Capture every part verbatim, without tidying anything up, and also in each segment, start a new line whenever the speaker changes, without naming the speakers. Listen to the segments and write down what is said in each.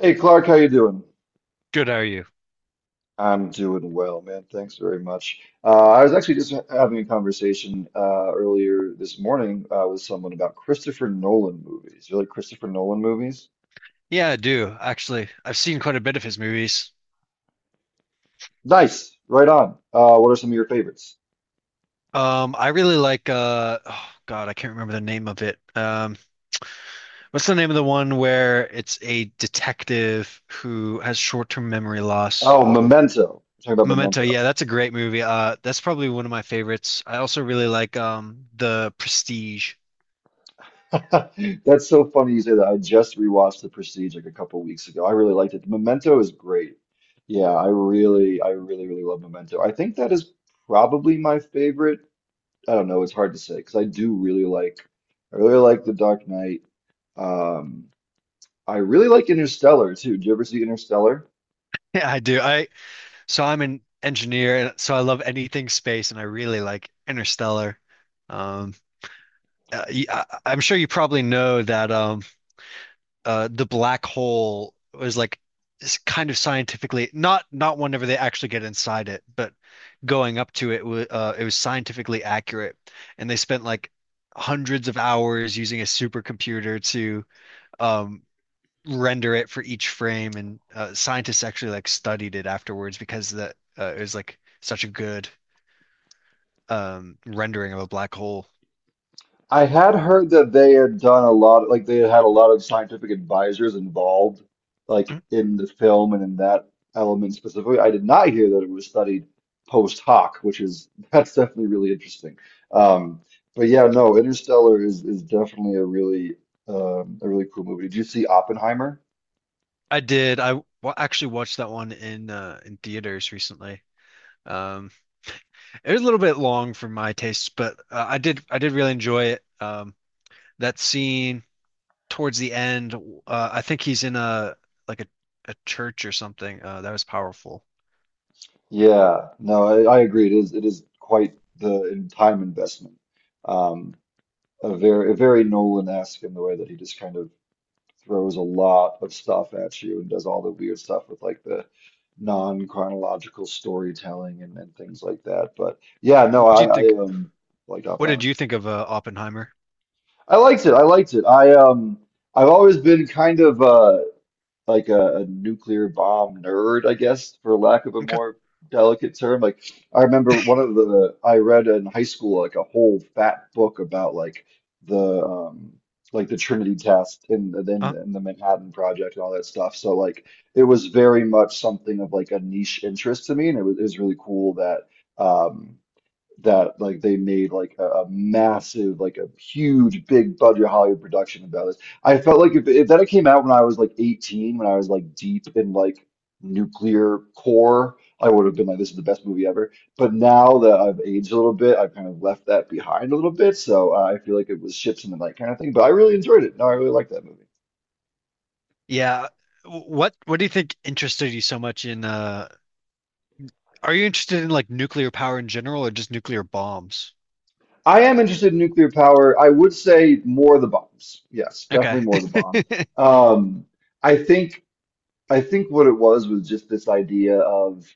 Hey Clark, how you doing?
Good, how are you?
I'm doing well, man. Thanks very much. Uh, I was actually just having a conversation uh, earlier this morning uh, with someone about Christopher Nolan movies. You like Christopher Nolan movies?
Yeah, I do actually. I've seen quite a bit of his movies.
Nice, right on. Uh, what are some of your favorites?
Um, I really like uh, oh God, I can't remember the name of it. Um, what's the name of the one where it's a detective who has short-term memory loss?
Oh, Memento. We're talking
Memento.
about
Yeah, that's a great movie. Uh, that's probably one of my favorites. I also really like um The Prestige.
Memento. That's so funny you say that. I just rewatched The Prestige like a couple weeks ago. I really liked it. Memento is great. Yeah, I really, I really, really love Memento. I think that is probably my favorite. I don't know, it's hard to say because I do really like I really like The Dark Knight. Um, I really like Interstellar too. Did you ever see Interstellar?
Yeah, I do. I So I'm an engineer, and so I love anything space, and I really like Interstellar. Um, uh, y- I am sure you probably know that. Um uh, the black hole was like s- kind of scientifically not not whenever they actually get inside it, but going up to it was uh, it was scientifically accurate, and they spent like hundreds of hours using a supercomputer to um, render it for each frame, and uh, scientists actually like studied it afterwards because that uh, it was like such a good um, rendering of a black hole.
I had heard that they had done a lot, like they had had a lot of scientific advisors involved, like in the film and in that element specifically. I did not hear that it was studied post hoc, which is that's definitely really interesting. Um, but yeah, no, Interstellar is is definitely a really um, a really cool movie. Did you see Oppenheimer?
I did. I wa- actually watched that one in uh, in theaters recently. Um, It was a little bit long for my tastes, but uh, I did I did really enjoy it. Um, that scene towards the end, uh, I think he's in a like a, a church or something. Uh, that was powerful.
Yeah, no, I, I agree. It is it is quite the in time investment. Um, a very a very Nolan-esque in the way that he just kind of throws a lot of stuff at you and does all the weird stuff with like the non-chronological storytelling and, and things like that. But yeah,
What
no,
do you
I,
think?
I um like
What did
Oppenheimer.
you think of uh, Oppenheimer?
I liked it. I liked it. I um I've always been kind of uh like a, a nuclear bomb nerd, I guess, for lack of a
Okay.
more delicate term. Like I remember one of the I read in high school like a whole fat book about like the um like the Trinity test and then
Uh.
and the Manhattan Project and all that stuff. So like it was very much something of like a niche interest to me, and it was, it was really cool that. um that like they made like a, a massive like a huge big budget Hollywood production about this. I felt like if, if that had came out when I was like eighteen, when I was like deep in like nuclear core, I would have been like, this is the best movie ever. But now that I've aged a little bit, I've kind of left that behind a little bit. So uh, I feel like it was ships in the night kind of thing. But I really enjoyed it. No, I really liked that movie.
Yeah. What What do you think interested you so much in? Uh, are you interested in like nuclear power in general or just nuclear bombs?
I am interested in nuclear power. I would say more of the bombs. Yes,
Okay.
definitely more of the bombs. Um, I think. I think what it was was just this idea of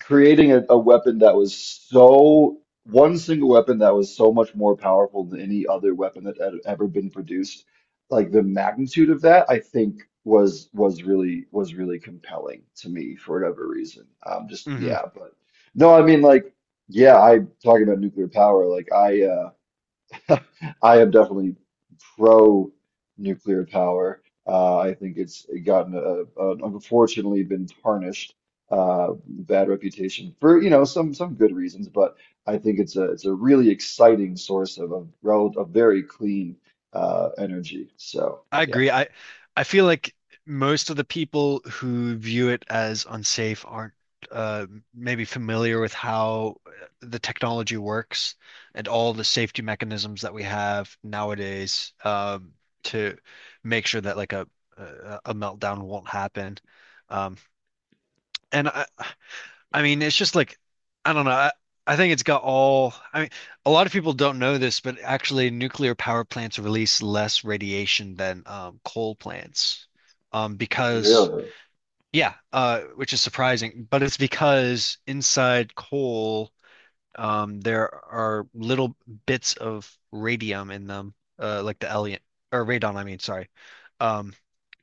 creating a, a weapon that was so one single weapon that was so much more powerful than any other weapon that had ever been produced. Like the magnitude of that, I think was was really was really compelling to me for whatever reason. Um, just
Hmm.
yeah, but no, I mean like yeah, I talking about nuclear power. Like I uh, I am definitely pro nuclear power. Uh, I think it's gotten a, a, unfortunately been tarnished, uh, bad reputation for you know some some good reasons, but I think it's a it's a really exciting source of a rel a very clean uh, energy. So
I
yeah,
agree. I I feel like most of the people who view it as unsafe aren't uh, maybe familiar with how the technology works and all the safety mechanisms that we have nowadays um, to make sure that like a a a meltdown won't happen. Um, and I, I mean, it's just like, I don't know. I, I think it's got all, I mean, a lot of people don't know this, but actually, nuclear power plants release less radiation than um, coal plants. Um, because,
really,
yeah, uh, which is surprising, but it's because inside coal, um, there are little bits of radium in them, uh, like the element, or radon, I mean, sorry, um,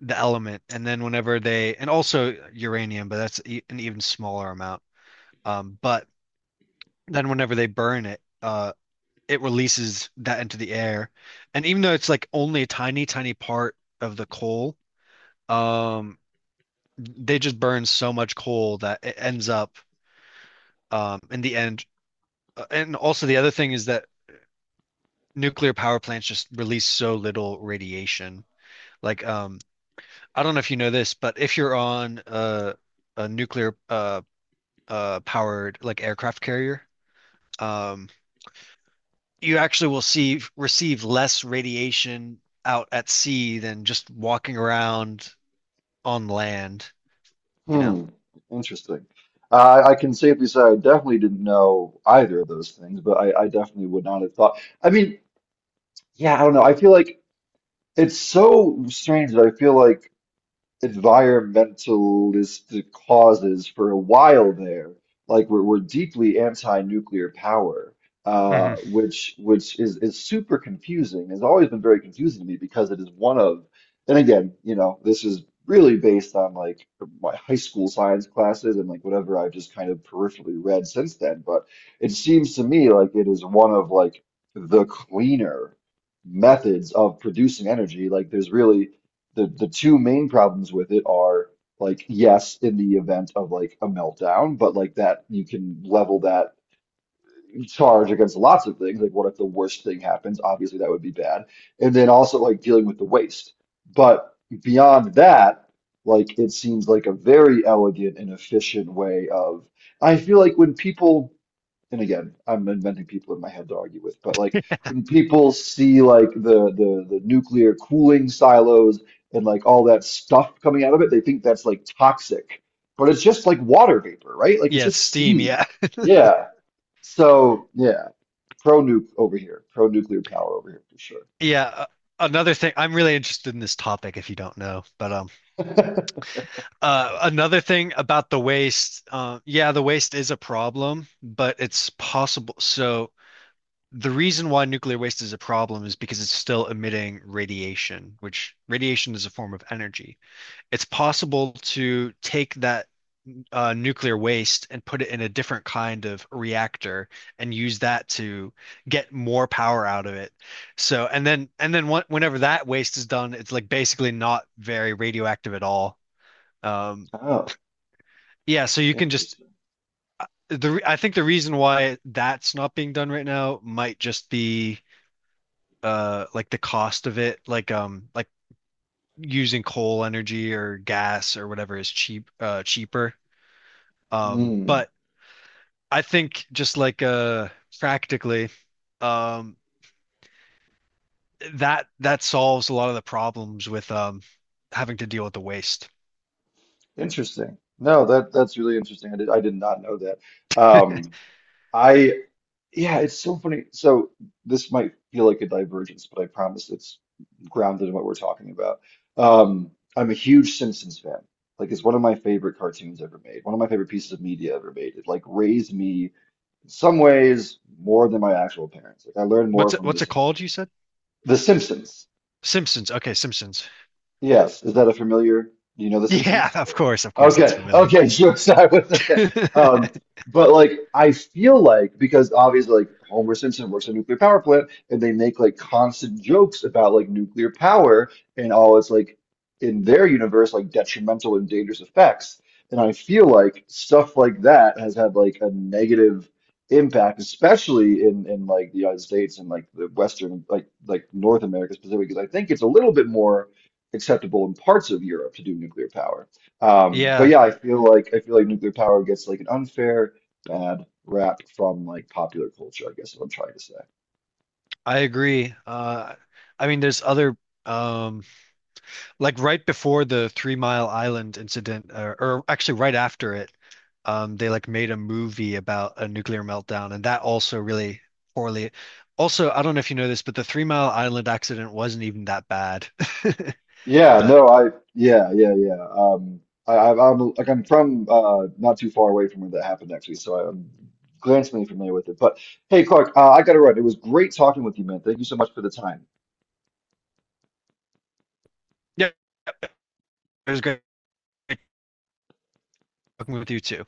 the element. And then whenever they, and also uranium, but that's e an even smaller amount. Um, but then whenever they burn it, uh, it releases that into the air. And even though it's like only a tiny, tiny part of the coal, um, they just burn so much coal that it ends up um, in the end. uh, And also the other thing is that nuclear power plants just release so little radiation. Like, um, I don't know if you know this, but if you're on a, a nuclear uh, uh, powered like aircraft carrier, um, you actually will see receive less radiation out at sea than just walking around on land, you know.
hmm, interesting. Uh, I can safely say I definitely didn't know either of those things, but I, I definitely would not have thought. I mean, yeah, I don't know. I feel like. It's so strange that I feel like environmentalist causes for a while there. Like we're, we're deeply anti-nuclear power, uh,
Hmm.
which which is is super confusing. Has always been very confusing to me because it is one of, and again, you know, this is really based on like my high school science classes and like whatever I've just kind of peripherally read since then. But it seems to me like it is one of like the cleaner methods of producing energy. Like there's really the the two main problems with it are like yes in the event of like a meltdown but like that you can level that charge against lots of things like what if the worst thing happens obviously that would be bad and then also like dealing with the waste but beyond that like it seems like a very elegant and efficient way of I feel like when people and again, I'm inventing people in my head to argue with, but like when people see like the the the nuclear cooling silos and like all that stuff coming out of it, they think that's like toxic. But it's just like water vapor, right? Like it's
Yeah, it's
just
steam.
steam.
Yeah.
Yeah. So yeah, pro nuke over here, pro nuclear power over here for sure.
Yeah. uh, Another thing, I'm really interested in this topic if you don't know, but um uh another thing about the waste, uh yeah, the waste is a problem, but it's possible. So the reason why nuclear waste is a problem is because it's still emitting radiation, which radiation is a form of energy. It's possible to take that uh, nuclear waste and put it in a different kind of reactor and use that to get more power out of it. So, and then and then wh whenever that waste is done, it's like basically not very radioactive at all. Um,
Oh,
yeah, so you can just
interesting.
the re- I think the reason why that's not being done right now might just be uh like the cost of it, like um like using coal energy or gas or whatever is cheap uh cheaper. Um,
Mm,
but I think just like uh practically, um that that solves a lot of the problems with um having to deal with the waste.
interesting. No, that that's really interesting. I did I did not know that. Um, I yeah, it's so funny. So this might feel like a divergence, but I promise it's grounded in what we're talking about. Um, I'm a huge Simpsons fan. Like it's one of my favorite cartoons ever made, one of my favorite pieces of media ever made. It like raised me in some ways more than my actual parents. Like I learned more
What's it
from The
what's it called,
Simpsons.
you said?
The Simpsons.
Simpsons. Okay, Simpsons.
Yes, is that a familiar? Do you know The
Yeah,
Simpsons?
of
Or-
course, of course, that's
Okay,
familiar.
okay, sure. So I was okay. Um, but like, I feel like because obviously, like Homer Simpson works at a nuclear power plant, and they make like constant jokes about like nuclear power and all its like in their universe like detrimental and dangerous effects. And I feel like stuff like that has had like a negative impact, especially in in like the United States and like the Western like like North America specifically, because I think it's a little bit more acceptable in parts of Europe to do nuclear power. Um, but
Yeah,
yeah, I feel like I feel like nuclear power gets like an unfair bad rap from like popular culture, I guess is what I'm trying to say.
I agree. Uh I mean there's other um like right before the Three Mile Island incident, or, or actually right after it, um, they like made a movie about a nuclear meltdown, and that also really poorly. Also, I don't know if you know this, but the Three Mile Island accident wasn't even that bad.
Yeah,
But
no, I yeah, yeah, yeah. Um I I- I'm like I'm from uh not too far away from where that happened actually, so I'm glancingly familiar with it. But hey Clark, uh, I gotta run. It was great talking with you, man. Thank you so much for the time.
yeah, it was great talking with you too.